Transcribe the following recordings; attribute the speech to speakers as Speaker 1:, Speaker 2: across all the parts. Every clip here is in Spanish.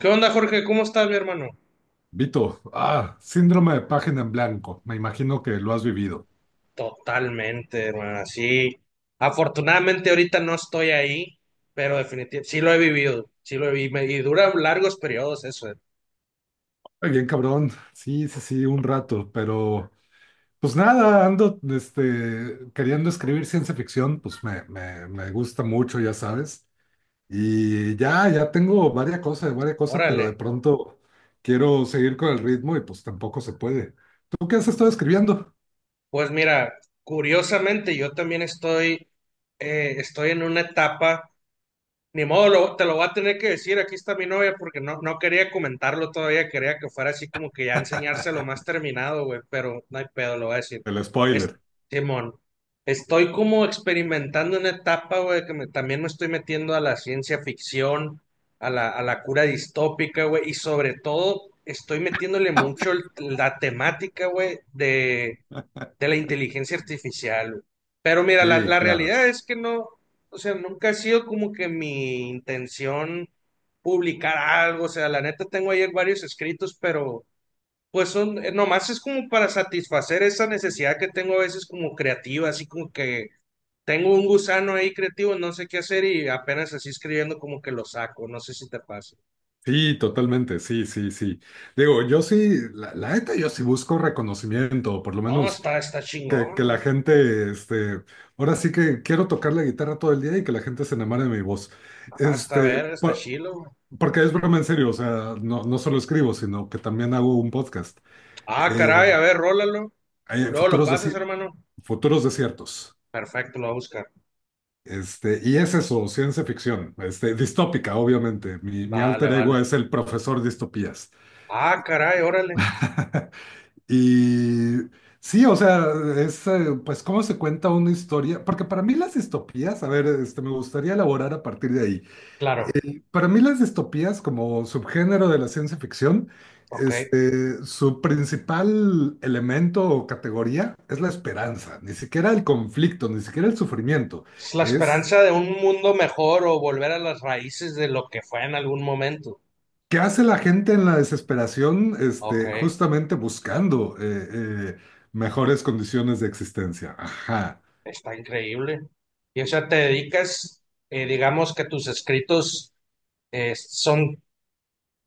Speaker 1: ¿Qué onda, Jorge? ¿Cómo estás, mi hermano?
Speaker 2: Vito, síndrome de página en blanco. Me imagino que lo has vivido.
Speaker 1: Totalmente, hermano. Sí. Afortunadamente ahorita no estoy ahí, pero definitivamente sí lo he vivido, sí lo he vivido y dura largos periodos eso.
Speaker 2: Ay, bien, cabrón. Sí, sí, sí, un rato, pero pues nada, ando queriendo escribir ciencia ficción, pues me gusta mucho, ya sabes. Y ya tengo varias cosas, pero de
Speaker 1: Órale.
Speaker 2: pronto quiero seguir con el ritmo y pues tampoco se puede. ¿Tú qué has estado escribiendo?
Speaker 1: Pues mira, curiosamente yo también estoy en una etapa. Ni modo, te lo voy a tener que decir, aquí está mi novia, porque no quería comentarlo todavía, quería que fuera así como que ya enseñárselo más terminado, güey, pero no hay pedo, lo voy a decir.
Speaker 2: El
Speaker 1: Es,
Speaker 2: spoiler.
Speaker 1: Simón, estoy como experimentando una etapa, güey, también me estoy metiendo a la ciencia ficción, a a la cura distópica, güey, y sobre todo estoy metiéndole mucho la temática, güey, de la inteligencia artificial, güey. Pero mira,
Speaker 2: Sí,
Speaker 1: la
Speaker 2: claro.
Speaker 1: realidad es que no, o sea, nunca ha sido como que mi intención publicar algo, o sea, la neta tengo ayer varios escritos, pero pues son, nomás es como para satisfacer esa necesidad que tengo a veces como creativa, así como que tengo un gusano ahí creativo, no sé qué hacer y apenas así escribiendo como que lo saco, no sé si te pasa.
Speaker 2: Sí, totalmente, sí, sí, sí. Digo, yo sí, la neta, yo sí busco reconocimiento, por lo
Speaker 1: No,
Speaker 2: menos
Speaker 1: está
Speaker 2: que
Speaker 1: chingón,
Speaker 2: la
Speaker 1: güey.
Speaker 2: gente, ahora sí que quiero tocar la guitarra todo el día y que la gente se enamore de mi voz.
Speaker 1: Ah, está
Speaker 2: Este,
Speaker 1: ver, está
Speaker 2: por-
Speaker 1: chilo, güey.
Speaker 2: Porque es broma en serio, o sea, no, no solo escribo, sino que también hago un podcast.
Speaker 1: Ah,
Speaker 2: Eh,
Speaker 1: caray, a ver, rólalo.
Speaker 2: hay
Speaker 1: Luego lo
Speaker 2: futuros,
Speaker 1: pasas,
Speaker 2: desi-
Speaker 1: hermano.
Speaker 2: Futuros desiertos.
Speaker 1: Perfecto, lo voy a buscar.
Speaker 2: Y es eso, ciencia ficción, distópica, obviamente. Mi
Speaker 1: Vale,
Speaker 2: alter ego
Speaker 1: vale.
Speaker 2: es el profesor distopías.
Speaker 1: Ah, caray, órale.
Speaker 2: Y sí, o sea, es pues cómo se cuenta una historia, porque para mí las distopías, a ver, me gustaría elaborar a partir de ahí.
Speaker 1: Claro,
Speaker 2: Para mí las distopías como subgénero de la ciencia ficción,
Speaker 1: ok.
Speaker 2: su principal elemento o categoría es la esperanza, ni siquiera el conflicto, ni siquiera el sufrimiento,
Speaker 1: Es la
Speaker 2: es
Speaker 1: esperanza de un mundo mejor o volver a las raíces de lo que fue en algún momento.
Speaker 2: qué hace la gente en la desesperación,
Speaker 1: Ok,
Speaker 2: justamente buscando eh, mejores condiciones de existencia. Ajá.
Speaker 1: está increíble. Y o sea, te dedicas, digamos que tus escritos son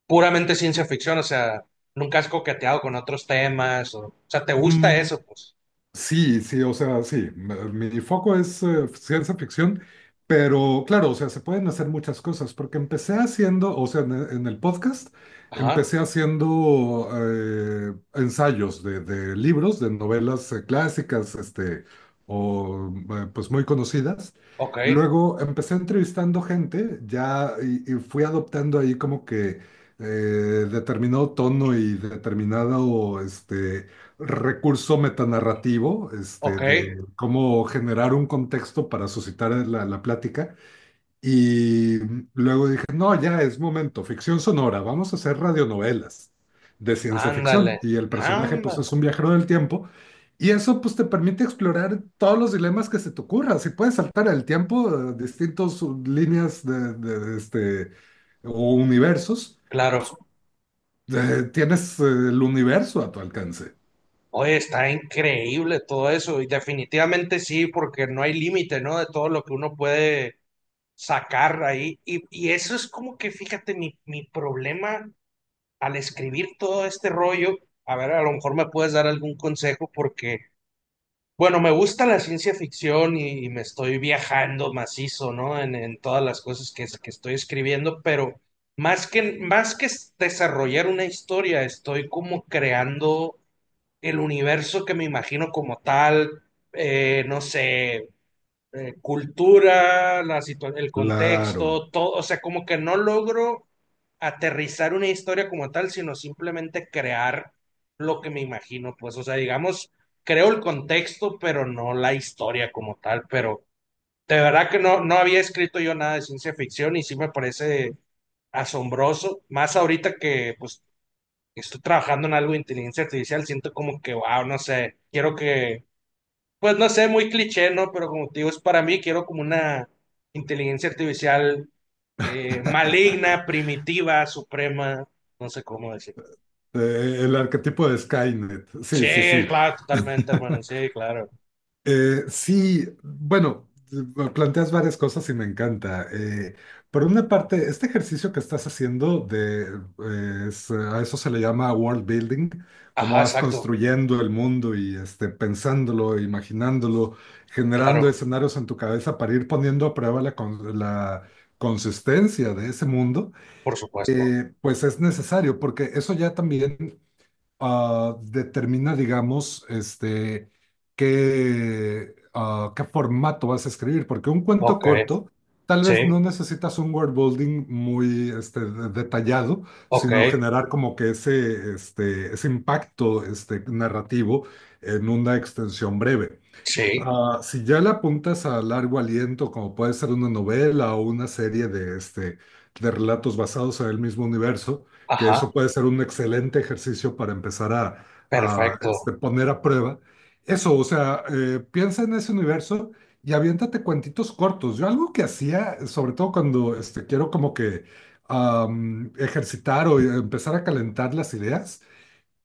Speaker 1: puramente ciencia ficción, o sea, nunca has coqueteado con otros temas, o sea, te gusta eso, pues.
Speaker 2: Sí, sí, o sea, sí, mi foco es ciencia ficción, pero claro, o sea, se pueden hacer muchas cosas, porque empecé haciendo, o sea, en el podcast,
Speaker 1: Ajá,
Speaker 2: empecé haciendo ensayos de libros, de novelas clásicas, o pues muy conocidas.
Speaker 1: ok,
Speaker 2: Luego empecé entrevistando gente, ya, y fui adoptando ahí como que eh, determinado tono y determinado, recurso metanarrativo,
Speaker 1: ok,
Speaker 2: de cómo generar un contexto para suscitar la plática. Y luego dije, no, ya es momento, ficción sonora, vamos a hacer radionovelas de ciencia ficción.
Speaker 1: ándale,
Speaker 2: Y el personaje, pues,
Speaker 1: ándale.
Speaker 2: es un viajero del tiempo. Y eso, pues, te permite explorar todos los dilemas que se te ocurra. Si puedes saltar el tiempo, distintas líneas de o universos,
Speaker 1: Claro.
Speaker 2: tienes el universo a tu alcance.
Speaker 1: Oye, está increíble todo eso y definitivamente sí, porque no hay límite, ¿no? De todo lo que uno puede sacar ahí. Y eso es como que, fíjate, mi problema al escribir todo este rollo, a ver, a lo mejor me puedes dar algún consejo porque, bueno, me gusta la ciencia ficción y me estoy viajando macizo, ¿no? En todas las cosas que estoy escribiendo, pero más que desarrollar una historia, estoy como creando el universo que me imagino como tal, no sé, cultura, el
Speaker 2: Claro.
Speaker 1: contexto, todo, o sea, como que no logro aterrizar una historia como tal, sino simplemente crear lo que me imagino, pues, o sea, digamos, creo el contexto, pero no la historia como tal, pero de verdad que no, no había escrito yo nada de ciencia ficción y sí me parece asombroso, más ahorita que pues estoy trabajando en algo de inteligencia artificial, siento como que, wow, no sé, quiero que, pues no sé, muy cliché, ¿no? Pero como te digo, es para mí, quiero como una inteligencia artificial maligna, primitiva, suprema, no sé cómo decir.
Speaker 2: El arquetipo de Skynet.
Speaker 1: Sí,
Speaker 2: Sí, sí, sí.
Speaker 1: claro, totalmente, hermano, sí, claro.
Speaker 2: Sí, bueno, planteas varias cosas y me encanta. Por una parte, este ejercicio que estás haciendo de, a eso se le llama world building, cómo
Speaker 1: Ajá,
Speaker 2: vas
Speaker 1: exacto,
Speaker 2: construyendo el mundo y pensándolo, imaginándolo, generando
Speaker 1: claro,
Speaker 2: escenarios en tu cabeza para ir poniendo a prueba la consistencia de ese mundo,
Speaker 1: por supuesto.
Speaker 2: pues es necesario, porque eso ya también determina, digamos, qué, qué formato vas a escribir, porque un cuento
Speaker 1: Ok,
Speaker 2: corto tal
Speaker 1: sí,
Speaker 2: vez no necesitas un word building muy detallado,
Speaker 1: ok,
Speaker 2: sino generar como que ese, ese impacto narrativo en una extensión breve.
Speaker 1: sí,
Speaker 2: Ah, si ya le apuntas a largo aliento, como puede ser una novela o una serie de, de relatos basados en el mismo universo, que
Speaker 1: ajá,
Speaker 2: eso puede ser un excelente ejercicio para empezar a
Speaker 1: perfecto,
Speaker 2: poner a prueba. Eso, o sea, piensa en ese universo y aviéntate cuentitos cortos. Yo algo que hacía, sobre todo cuando quiero como que ejercitar o empezar a calentar las ideas,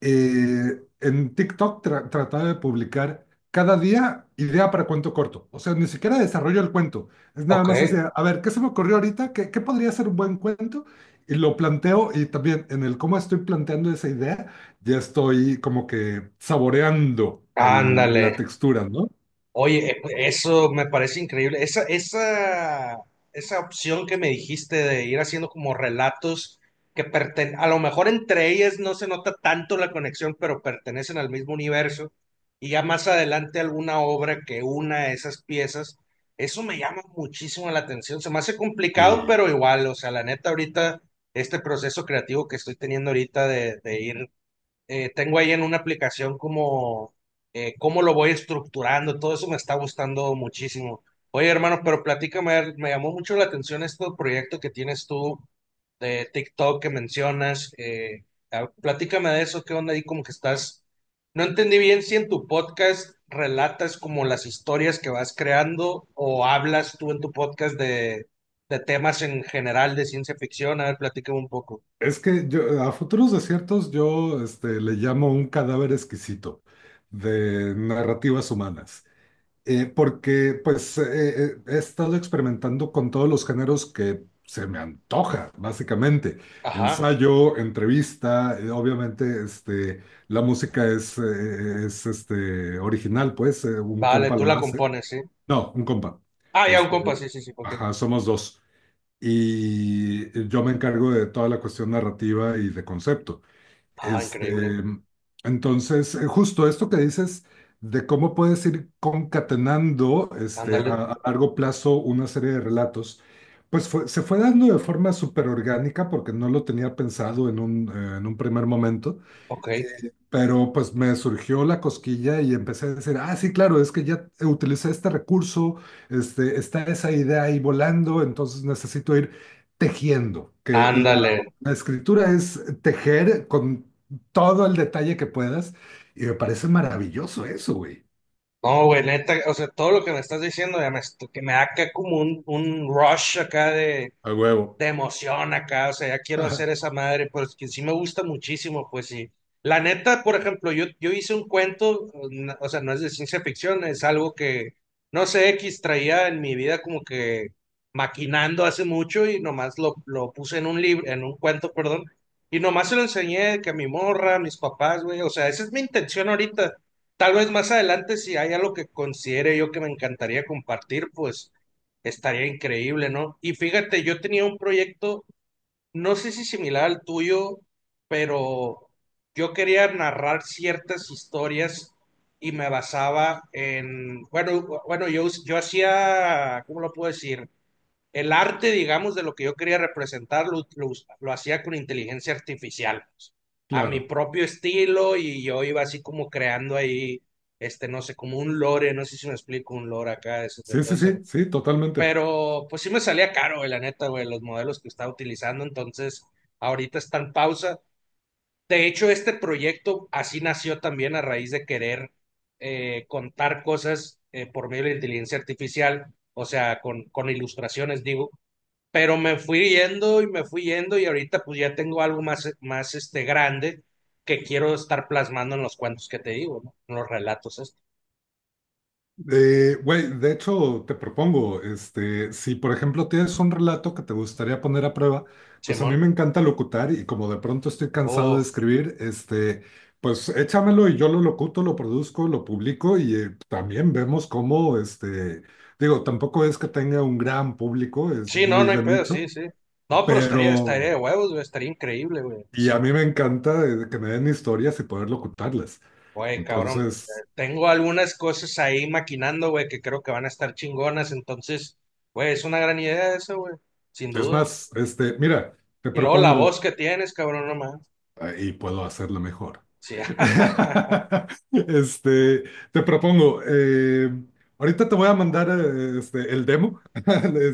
Speaker 2: en TikTok trataba de publicar cada día idea para cuento corto. O sea, ni siquiera desarrollo el cuento. Es nada
Speaker 1: ok,
Speaker 2: más así, a ver, ¿qué se me ocurrió ahorita? ¿Qué, qué podría ser un buen cuento? Y lo planteo y también en el cómo estoy planteando esa idea, ya estoy como que saboreando la
Speaker 1: ándale.
Speaker 2: textura, ¿no?
Speaker 1: Oye, eso me parece increíble. Esa opción que me dijiste de ir haciendo como relatos que pertenecen, a lo mejor entre ellas no se nota tanto la conexión, pero pertenecen al mismo universo, y ya más adelante alguna obra que una esas piezas, eso me llama muchísimo la atención. Se me hace complicado,
Speaker 2: Y
Speaker 1: pero igual, o sea, la neta ahorita, este proceso creativo que estoy teniendo ahorita de ir tengo ahí en una aplicación como cómo lo voy estructurando, todo eso me está gustando muchísimo. Oye, hermano, pero platícame, a ver, me llamó mucho la atención este proyecto que tienes tú de TikTok que mencionas. Platícame de eso, qué onda ahí, como que estás. No entendí bien si en tu podcast relatas como las historias que vas creando o hablas tú en tu podcast de temas en general de ciencia ficción. A ver, platícame un poco.
Speaker 2: es que yo a Futuros Desiertos yo le llamo un cadáver exquisito de narrativas humanas. Porque pues he estado experimentando con todos los géneros que se me antoja, básicamente.
Speaker 1: Ajá,
Speaker 2: Ensayo, entrevista, obviamente la música es original, pues un
Speaker 1: vale,
Speaker 2: compa
Speaker 1: tú
Speaker 2: la
Speaker 1: la
Speaker 2: hace.
Speaker 1: compones, ¿sí?
Speaker 2: No, un compa.
Speaker 1: Ah, ya, un
Speaker 2: Este,
Speaker 1: compa, sí, sí, sí, ok.
Speaker 2: ajá, somos dos. Y yo me encargo de toda la cuestión narrativa y de concepto.
Speaker 1: Ah,
Speaker 2: Este,
Speaker 1: increíble.
Speaker 2: entonces, justo esto que dices de cómo puedes ir concatenando este,
Speaker 1: Ándale,
Speaker 2: a, a largo plazo una serie de relatos, pues se fue dando de forma súper orgánica porque no lo tenía pensado en un, en un primer momento.
Speaker 1: ok.
Speaker 2: Pero pues me surgió la cosquilla y empecé a decir, ah, sí, claro, es que ya utilicé este recurso, está esa idea ahí volando, entonces necesito ir tejiendo, que la,
Speaker 1: Ándale.
Speaker 2: la escritura es tejer con todo el detalle que puedas y me parece maravilloso eso, güey.
Speaker 1: No, güey, neta, o sea, todo lo que me estás diciendo ya que me da acá como un rush acá
Speaker 2: A huevo.
Speaker 1: de emoción acá, o sea, ya quiero hacer esa madre, pues que sí me gusta muchísimo, pues sí. La neta, por ejemplo, yo hice un cuento, o sea, no es de ciencia ficción, es algo que, no sé, X traía en mi vida como que maquinando hace mucho y nomás lo puse en un libro, en un cuento, perdón, y nomás se lo enseñé que a mi morra, a mis papás, güey, o sea, esa es mi intención ahorita. Tal vez más adelante, si hay algo que considere yo que me encantaría compartir, pues estaría increíble, ¿no? Y fíjate, yo tenía un proyecto, no sé si similar al tuyo, pero yo quería narrar ciertas historias y me basaba en, bueno, yo hacía, ¿cómo lo puedo decir? El arte, digamos, de lo que yo quería representar, lo hacía con inteligencia artificial, pues, a mi
Speaker 2: Claro.
Speaker 1: propio estilo y yo iba así como creando ahí, este, no sé, como un lore, no sé si me explico, un lore acá, de
Speaker 2: Sí,
Speaker 1: todo
Speaker 2: sí,
Speaker 1: ese
Speaker 2: sí, sí, totalmente.
Speaker 1: pero pues sí me salía caro, güey, la neta, güey, los modelos que estaba utilizando. Entonces, ahorita está en pausa. De hecho, este proyecto así nació también a raíz de querer contar cosas por medio de la inteligencia artificial, o sea, con ilustraciones, digo. Pero me fui yendo y me fui yendo y ahorita pues ya tengo algo más, más este, grande que quiero estar plasmando en los cuentos que te digo, ¿no? En los relatos estos.
Speaker 2: Güey, de hecho, te propongo, si por ejemplo tienes un relato que te gustaría poner a prueba, pues a
Speaker 1: Simón,
Speaker 2: mí me encanta locutar y como de pronto estoy cansado
Speaker 1: oh,
Speaker 2: de escribir, pues échamelo y yo lo locuto, lo produzco, lo publico y también vemos cómo, digo, tampoco es que tenga un gran público, es
Speaker 1: sí, no,
Speaker 2: muy
Speaker 1: no hay
Speaker 2: de
Speaker 1: pedo, sí,
Speaker 2: nicho,
Speaker 1: sí. No, pero estaría, estaría
Speaker 2: pero,
Speaker 1: de huevos, güey, estaría increíble, güey.
Speaker 2: y a
Speaker 1: Sí,
Speaker 2: mí me encanta que me den historias y poder locutarlas.
Speaker 1: güey, cabrón.
Speaker 2: Entonces,
Speaker 1: Tengo algunas cosas ahí maquinando, güey, que creo que van a estar chingonas, entonces, güey, es una gran idea eso, güey, sin
Speaker 2: es
Speaker 1: duda.
Speaker 2: más, mira. Te
Speaker 1: Y luego la
Speaker 2: propongo,
Speaker 1: voz que tienes, cabrón, nomás.
Speaker 2: y puedo hacerlo mejor.
Speaker 1: Sí.
Speaker 2: Este, te propongo, ahorita te voy a mandar el demo,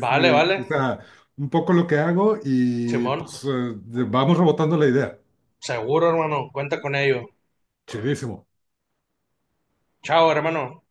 Speaker 1: Vale,
Speaker 2: o
Speaker 1: vale,
Speaker 2: sea, un poco lo que hago y
Speaker 1: Simón,
Speaker 2: pues vamos rebotando la idea.
Speaker 1: seguro, hermano, cuenta con ello.
Speaker 2: Chidísimo.
Speaker 1: Chao, hermano.